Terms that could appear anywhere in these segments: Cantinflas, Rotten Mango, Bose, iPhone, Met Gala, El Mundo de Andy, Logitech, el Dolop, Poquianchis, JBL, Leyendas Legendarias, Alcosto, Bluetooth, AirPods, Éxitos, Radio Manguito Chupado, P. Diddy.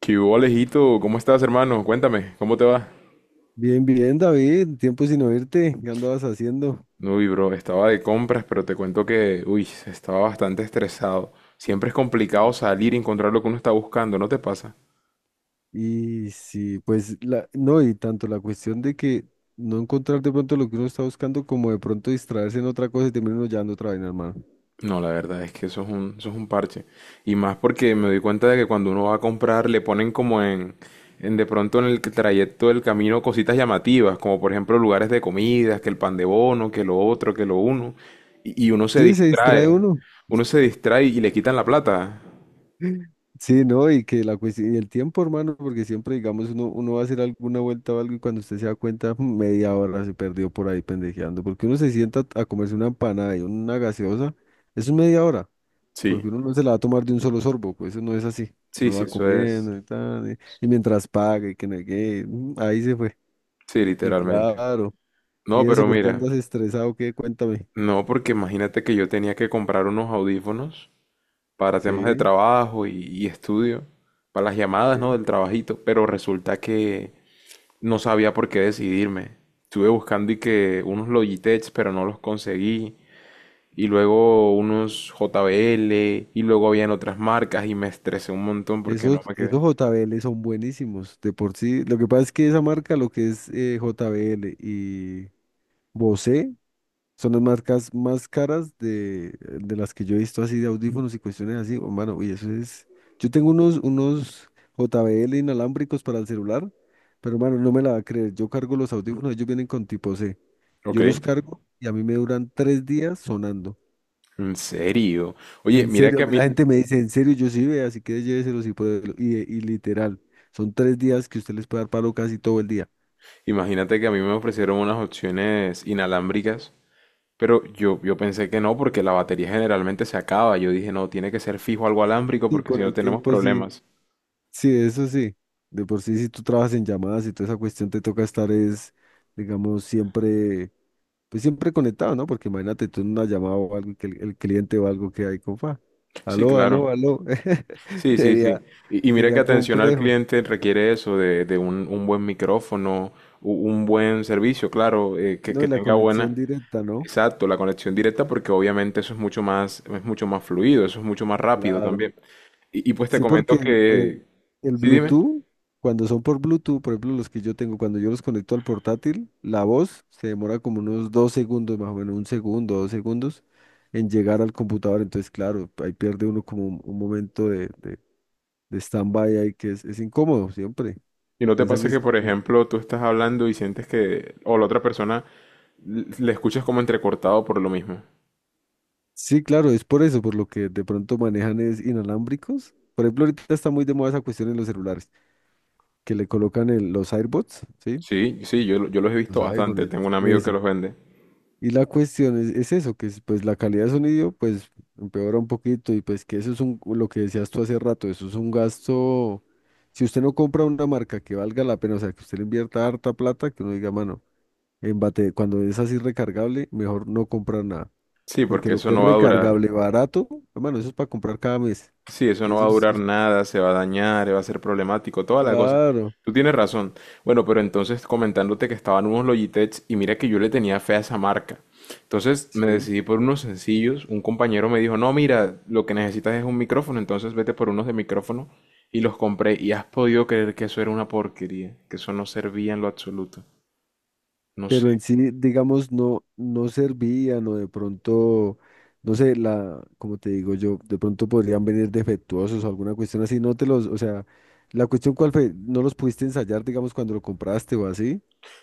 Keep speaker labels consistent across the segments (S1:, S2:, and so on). S1: ¿Qué hubo, Alejito? ¿Cómo estás, hermano? Cuéntame, ¿cómo te va?
S2: Bien, bien, David, tiempo sin oírte, ¿qué andabas haciendo?
S1: Uy, bro, estaba de compras, pero te cuento que, uy, estaba bastante estresado. Siempre es complicado salir y encontrar lo que uno está buscando, ¿no te pasa?
S2: Y sí, pues no, y tanto la cuestión de que no encontrar de pronto lo que uno está buscando, como de pronto distraerse en otra cosa y terminar uno llevando otra vaina, hermano.
S1: No, la verdad es que eso es un parche. Y más porque me doy cuenta de que cuando uno va a comprar le ponen como en de pronto en el trayecto del camino cositas llamativas, como por ejemplo lugares de comidas, que el pan de bono, que lo otro, que lo uno. Y
S2: Sí, se distrae uno.
S1: uno se distrae y le quitan la plata.
S2: Sí, no, y que la cuestión, y el tiempo, hermano, porque siempre, digamos, uno va a hacer alguna vuelta o algo y cuando usted se da cuenta, media hora se perdió por ahí pendejeando, porque uno se sienta a comerse una empanada y una gaseosa, eso es media hora. Porque
S1: Sí.
S2: uno no se la va a tomar de un solo sorbo, pues eso no es así.
S1: Sí,
S2: Uno
S1: sí,
S2: va
S1: eso es.
S2: comiendo y tal, y mientras paga y que no hay que, ahí se fue.
S1: Sí,
S2: Y
S1: literalmente.
S2: claro, y
S1: No,
S2: eso,
S1: pero
S2: ¿por qué
S1: mira,
S2: andas estresado? ¿Qué? Cuéntame.
S1: no, porque imagínate que yo tenía que comprar unos audífonos para temas de
S2: Sí,
S1: trabajo y estudio, para las llamadas, ¿no? Del
S2: sí.
S1: trabajito, pero resulta que no sabía por qué decidirme. Estuve buscando y que unos Logitech, pero no los conseguí, y luego unos JBL, y luego habían otras marcas, y me estresé un montón porque no
S2: Esos,
S1: me quedé.
S2: esos JBL son buenísimos, de por sí. Lo que pasa es que esa marca, lo que es JBL y Bose, son las marcas más caras de las que yo he visto así de audífonos y cuestiones así. Oh, mano, y eso es. Yo tengo unos JBL inalámbricos para el celular, pero mano, no me la va a creer. Yo cargo los audífonos, ellos vienen con tipo C.
S1: Ok.
S2: Yo los cargo y a mí me duran 3 días sonando.
S1: ¿En serio? Oye,
S2: En
S1: mira
S2: serio,
S1: que
S2: a
S1: a
S2: mí
S1: mí,
S2: la gente me dice, en serio, yo sí vea así que lléveselos y pruébelo. Y literal, son 3 días que usted les puede dar palo casi todo el día.
S1: imagínate que a mí me ofrecieron unas opciones inalámbricas, pero yo pensé que no, porque la batería generalmente se acaba. Yo dije, no, tiene que ser fijo algo alámbrico,
S2: Sí,
S1: porque si
S2: con
S1: no
S2: el
S1: tenemos
S2: tiempo sí.
S1: problemas.
S2: Sí, eso sí. De por sí, si tú trabajas en llamadas y toda esa cuestión, te toca estar es, digamos, siempre, pues siempre conectado, ¿no? Porque imagínate tú en una llamada o algo, y que el cliente o algo que hay, compa.
S1: Sí,
S2: Aló, aló,
S1: claro.
S2: aló.
S1: Sí, sí, sí.
S2: Sería,
S1: Y mira que
S2: sería
S1: atención al
S2: complejo.
S1: cliente requiere eso, de un buen micrófono, un buen servicio, claro,
S2: No,
S1: que
S2: y la
S1: tenga buena.
S2: conexión directa, ¿no?
S1: Exacto, la conexión directa, porque obviamente eso es mucho más fluido, eso es mucho más rápido
S2: Claro.
S1: también. Y pues te
S2: Sí, porque
S1: comento
S2: el, el-
S1: que.
S2: el
S1: Sí, dime.
S2: Bluetooth, cuando son por Bluetooth, por ejemplo, los que yo tengo, cuando yo los conecto al portátil, la voz se demora como unos 2 segundos, más o menos 1 segundo, 2 segundos, en llegar al computador. Entonces, claro, ahí pierde uno como un momento de stand-by ahí que es incómodo siempre.
S1: Y no te
S2: Piensan
S1: pasa
S2: que
S1: que,
S2: es...
S1: por ejemplo, tú estás hablando y sientes que, o la otra persona le escuchas como entrecortado por lo mismo.
S2: Sí, claro, es por eso, por lo que de pronto manejan es inalámbricos. Por ejemplo, ahorita está muy de moda esa cuestión en los celulares, que le colocan los AirPods, ¿sí?
S1: Sí, sí, yo los he
S2: Los
S1: visto bastante.
S2: iPhones,
S1: Tengo un amigo que
S2: eso.
S1: los vende.
S2: Y la cuestión es eso, que es, pues la calidad de sonido pues empeora un poquito y pues que eso es un, lo que decías tú hace rato, eso es un gasto, si usted no compra una marca que valga la pena, o sea, que usted le invierta harta plata, que uno diga, mano, en bate, cuando es así recargable, mejor no comprar nada,
S1: Sí,
S2: porque
S1: porque
S2: lo
S1: eso
S2: que es
S1: no va a durar.
S2: recargable barato, hermano, eso es para comprar cada mes,
S1: Sí, eso no
S2: eso
S1: va a
S2: es,
S1: durar
S2: es-
S1: nada, se va a dañar, va a ser problemático, toda la cosa.
S2: claro,
S1: Tú tienes razón. Bueno, pero entonces comentándote que estaban unos Logitech y mira que yo le tenía fe a esa marca. Entonces me
S2: sí,
S1: decidí por unos sencillos. Un compañero me dijo, no, mira, lo que necesitas es un micrófono, entonces vete por unos de micrófono. Y los compré y has podido creer que eso era una porquería, que eso no servía en lo absoluto. No sé.
S2: pero en sí, digamos, no, no servían o de pronto, no sé, como te digo yo, de pronto podrían venir defectuosos o alguna cuestión así, no te los, o sea, la cuestión cuál fue, no los pudiste ensayar, digamos, cuando lo compraste o así,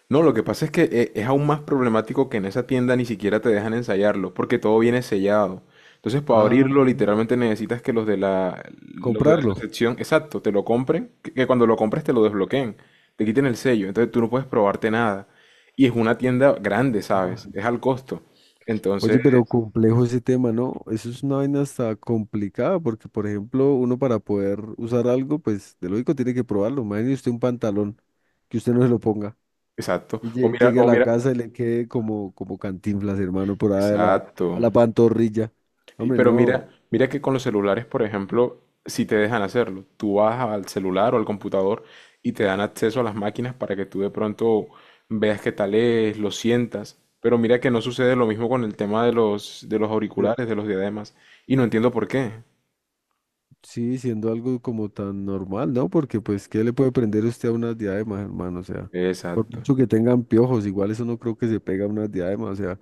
S1: No, lo que pasa es que es aún más problemático que en esa tienda ni siquiera te dejan ensayarlo, porque todo viene sellado. Entonces, para
S2: ah,
S1: abrirlo, literalmente necesitas que los de la
S2: comprarlo.
S1: recepción, exacto, te lo compren, que cuando lo compres te lo desbloqueen, te quiten el sello, entonces tú no puedes probarte nada. Y es una tienda grande,
S2: Ah,
S1: ¿sabes? Es al costo. Entonces,
S2: oye, pero complejo ese tema, ¿no? Eso es una vaina hasta complicada, porque, por ejemplo, uno para poder usar algo, pues, de lógico tiene que probarlo. Imagínese usted un pantalón, que usted no se lo ponga.
S1: exacto.
S2: Lle- Llegue a
S1: O
S2: la
S1: mira,
S2: casa y le quede como Cantinflas, hermano, por ahí a la, a
S1: exacto.
S2: la pantorrilla. Hombre,
S1: Pero
S2: no.
S1: mira, mira que con los celulares, por ejemplo, si te dejan hacerlo, tú vas al celular o al computador y te dan acceso a las máquinas para que tú de pronto veas qué tal es, lo sientas. Pero mira que no sucede lo mismo con el tema de los
S2: eh,
S1: auriculares, de los diademas. Y no entiendo por qué.
S2: Sí, siendo algo como tan normal, ¿no? Porque, pues, ¿qué le puede prender usted a unas diademas, hermano? O sea, por
S1: Exacto.
S2: mucho que tengan piojos, igual eso no creo que se pega a unas diademas, o sea,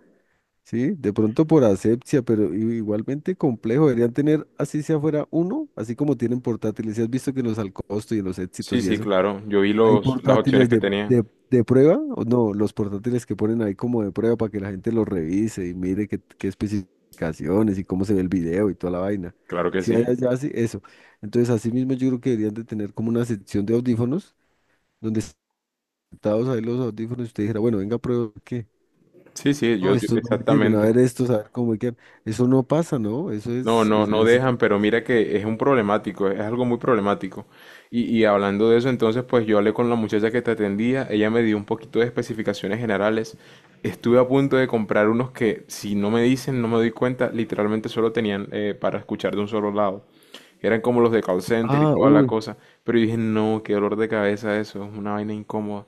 S2: sí, de pronto por asepsia, pero igualmente complejo. Deberían tener, así sea fuera uno, así como tienen portátiles. Si has visto que en los Alcosto y en los Éxitos
S1: Sí,
S2: y
S1: sí,
S2: eso.
S1: claro. Yo vi
S2: Hay
S1: los, las
S2: portátiles
S1: opciones que
S2: de,
S1: tenían.
S2: de, de prueba, o no, los portátiles que ponen ahí como de prueba para que la gente los revise y mire qué especificaciones y cómo se ve el video y toda la vaina.
S1: Claro que
S2: Si hay
S1: sí.
S2: allá, sí, eso. Entonces, así mismo yo creo que deberían de tener como una sección de audífonos donde sentados ahí los audífonos y usted dijera, bueno, venga, prueba que...
S1: Sí, sí,
S2: No, estos no me sirven, a
S1: exactamente.
S2: ver estos, a ver cómo me quedan. Eso no pasa, ¿no? Eso
S1: No,
S2: es...
S1: no, no
S2: sí te-
S1: dejan, pero mira que es un problemático, es algo muy problemático. Y hablando de eso, entonces, pues yo hablé con la muchacha que te atendía, ella me dio un poquito de especificaciones generales. Estuve a punto de comprar unos que, si no me dicen, no me doy cuenta, literalmente solo tenían para escuchar de un solo lado. Eran como los de call center y
S2: Ah,
S1: toda la
S2: uy.
S1: cosa. Pero yo dije, no, qué dolor de cabeza eso, es una vaina incómoda.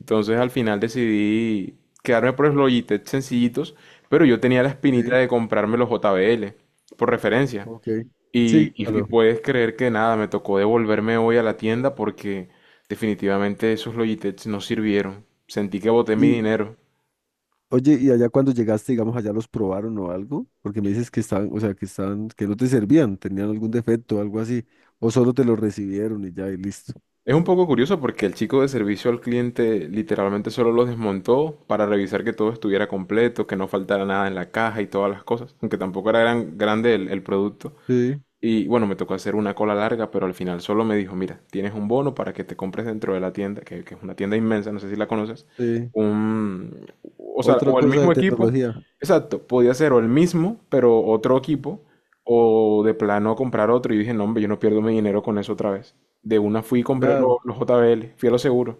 S1: Entonces al final decidí quedarme por los Logitech sencillitos, pero yo tenía la espinita
S2: Sí,
S1: de comprarme los JBL por referencia.
S2: ok. Sí,
S1: Y, y
S2: claro.
S1: puedes creer que nada, me tocó devolverme hoy a la tienda porque definitivamente esos Logitech no sirvieron. Sentí que boté mi dinero.
S2: Oye, ¿y allá cuando llegaste, digamos, allá los probaron o algo? Porque me dices que estaban, o sea, que estaban, que no te servían, tenían algún defecto o algo así, o solo te lo recibieron y ya, y listo.
S1: Es un poco curioso porque el chico de servicio al cliente literalmente solo los desmontó para revisar que todo estuviera completo, que no faltara nada en la caja y todas las cosas, aunque tampoco era gran, grande el producto.
S2: Sí,
S1: Y bueno, me tocó hacer una cola larga, pero al final solo me dijo, mira, tienes un bono para que te compres dentro de la tienda, que es una tienda inmensa, no sé si la conoces,
S2: sí.
S1: un, o sea,
S2: Otra
S1: o el
S2: cosa de
S1: mismo equipo,
S2: tecnología.
S1: exacto, podía ser o el mismo, pero otro equipo, o de plano comprar otro. Y dije, no, hombre, yo no pierdo mi dinero con eso otra vez. De una fui y compré
S2: Claro.
S1: los JBL, fui a lo seguro.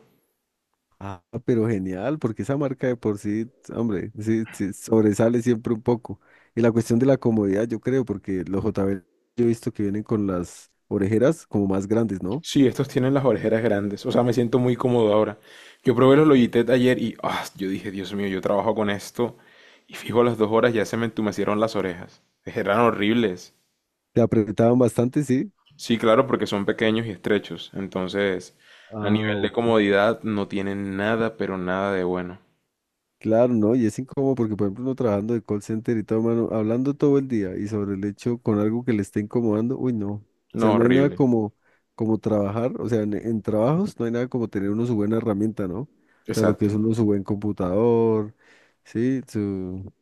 S2: Ah, pero genial, porque esa marca de por sí, hombre, sí, sí, sobresale siempre un poco. Y la cuestión de la comodidad, yo creo, porque los JBL yo he visto que vienen con las orejeras como más grandes, ¿no?
S1: Sí, estos tienen las orejeras grandes. O sea, me siento muy cómodo ahora. Yo probé los Logitech ayer y ah, yo dije, Dios mío, yo trabajo con esto. Y fijo, a las dos horas ya se me entumecieron las orejas. Eran horribles.
S2: Te apretaban bastante, sí.
S1: Sí, claro, porque son pequeños y estrechos. Entonces, a
S2: Ah,
S1: nivel de
S2: ok.
S1: comodidad, no tienen nada, pero nada de bueno.
S2: Claro, ¿no? Y es incómodo porque, por ejemplo, uno trabajando de call center y todo, mano, hablando todo el día y sobre el hecho con algo que le esté incomodando, uy, no. O
S1: No,
S2: sea, no hay nada
S1: horrible.
S2: como trabajar, o sea, en trabajos no hay nada como tener uno su buena herramienta, ¿no? O sea, lo que es
S1: Exacto.
S2: uno su buen computador, ¿sí? Su,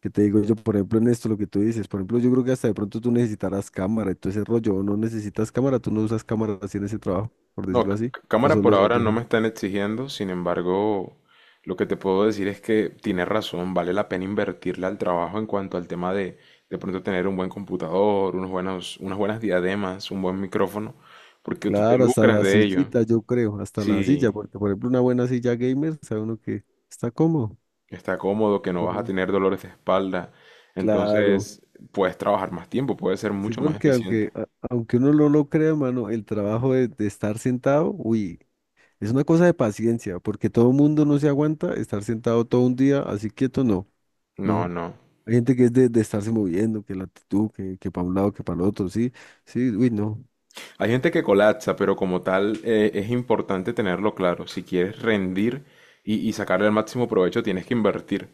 S2: ¿qué te digo yo? Por ejemplo, en esto, lo que tú dices, por ejemplo, yo creo que hasta de pronto tú necesitarás cámara y todo ese rollo, o no necesitas cámara, tú no usas cámara así en ese trabajo, por
S1: No,
S2: decirlo así, o
S1: cámara
S2: son
S1: por
S2: los
S1: ahora no
S2: audífonos.
S1: me están exigiendo, sin embargo, lo que te puedo decir es que tienes razón, vale la pena invertirle al trabajo en cuanto al tema de pronto tener un buen computador, unos buenos, unas buenas diademas, un buen micrófono, porque tú te
S2: Claro, hasta
S1: lucras
S2: la
S1: de ello.
S2: sillita, yo creo, hasta la silla,
S1: Sí,
S2: porque por ejemplo una buena silla gamer, sabe uno que está cómodo.
S1: está cómodo, que no vas a
S2: ¿No?
S1: tener dolores de espalda,
S2: Claro,
S1: entonces puedes trabajar más tiempo, puedes ser
S2: sí,
S1: mucho más
S2: porque
S1: eficiente.
S2: aunque, aunque uno no lo crea, mano, el trabajo de estar sentado, uy, es una cosa de paciencia, porque todo el mundo no se aguanta estar sentado todo un día así quieto, no,
S1: No,
S2: no.
S1: no.
S2: Hay gente que es de estarse moviendo, que la actitud, que para un lado, que para el otro, sí, sí, uy, no.
S1: Hay gente que colapsa, pero como tal es importante tenerlo claro. Si quieres rendir y sacarle el máximo provecho, tienes que invertir.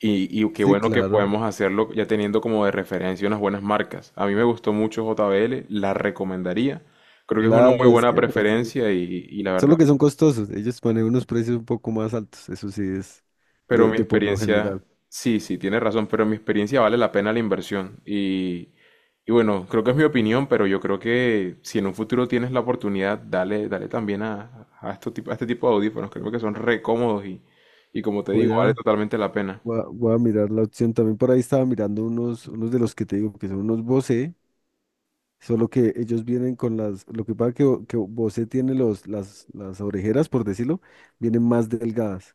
S1: Y qué
S2: Sí,
S1: bueno que
S2: claro,
S1: podemos hacerlo ya teniendo como de referencia unas buenas marcas. A mí me gustó mucho JBL, la recomendaría. Creo que es una
S2: claro,
S1: muy
S2: es
S1: buena
S2: que por sí.
S1: preferencia y la
S2: Solo
S1: verdad.
S2: que son costosos. Ellos ponen unos precios un poco más altos. Eso sí es
S1: Pero
S2: de,
S1: mi
S2: de por lo
S1: experiencia,
S2: general.
S1: sí, sí, tienes razón, pero mi experiencia vale la pena la inversión. Y bueno, creo que es mi opinión, pero yo creo que si en un futuro tienes la oportunidad, dale, dale también a, a este tipo de audífonos. Creo que son re cómodos y como te digo,
S2: Voy
S1: vale
S2: a,
S1: totalmente la pena.
S2: voy a mirar la opción. También por ahí estaba mirando unos de los que te digo que son unos Bose. Solo que ellos vienen con las. Lo que pasa que, que Bose tiene las orejeras, por decirlo, vienen más delgadas.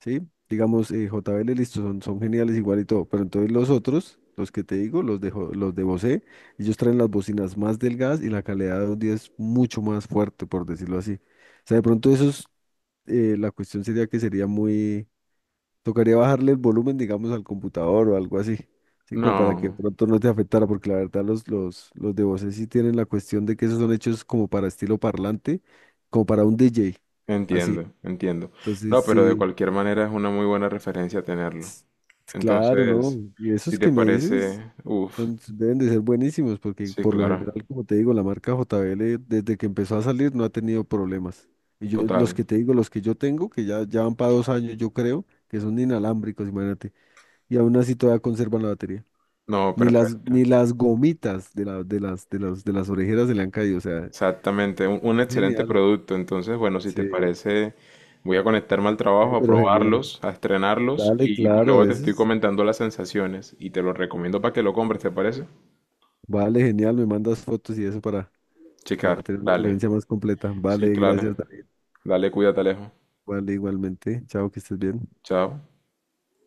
S2: ¿Sí? Digamos, JBL, listo, son geniales igual y todo, pero entonces los otros, los que te digo, los de Bose, ellos traen las bocinas más delgadas y la calidad de audio es mucho más fuerte, por decirlo así. O sea, de pronto esos, la cuestión sería que sería muy, tocaría bajarle el volumen, digamos, al computador o algo así, ¿sí? Como para que de
S1: No,
S2: pronto no te afectara, porque la verdad los de Bose sí tienen la cuestión de que esos son hechos como para estilo parlante, como para un DJ, así.
S1: entiendo, entiendo.
S2: Entonces,
S1: No, pero de
S2: sí.
S1: cualquier manera es una muy buena referencia tenerlo.
S2: Claro, ¿no?
S1: Entonces,
S2: Y
S1: si
S2: esos
S1: te
S2: que me dices
S1: parece, uff,
S2: deben de ser buenísimos porque
S1: sí,
S2: por lo
S1: claro,
S2: general, como te digo, la marca JBL desde que empezó a salir no ha tenido problemas. Y yo los
S1: total.
S2: que te digo, los que yo tengo, que ya van para 2 años, yo creo, que son inalámbricos, imagínate. Y aún así todavía conservan la batería.
S1: No,
S2: Ni las,
S1: perfecto.
S2: ni las gomitas de las orejeras se le han caído. O sea,
S1: Exactamente, un excelente
S2: genial.
S1: producto. Entonces, bueno, si
S2: Sí,
S1: te parece, voy a conectarme al trabajo, a
S2: pero genial.
S1: probarlos, a estrenarlos
S2: Dale,
S1: y, pues
S2: claro,
S1: luego te
S2: eso
S1: estoy
S2: es-
S1: comentando las sensaciones y te lo recomiendo para que lo compres, ¿te parece?
S2: Vale, genial, me mandas fotos y eso para...
S1: Chica,
S2: Para tener una
S1: dale.
S2: referencia más completa.
S1: Sí,
S2: Vale,
S1: claro.
S2: gracias, David.
S1: Dale, cuídate, Alejo.
S2: Vale, igualmente. Chao, que estés bien.
S1: Chao.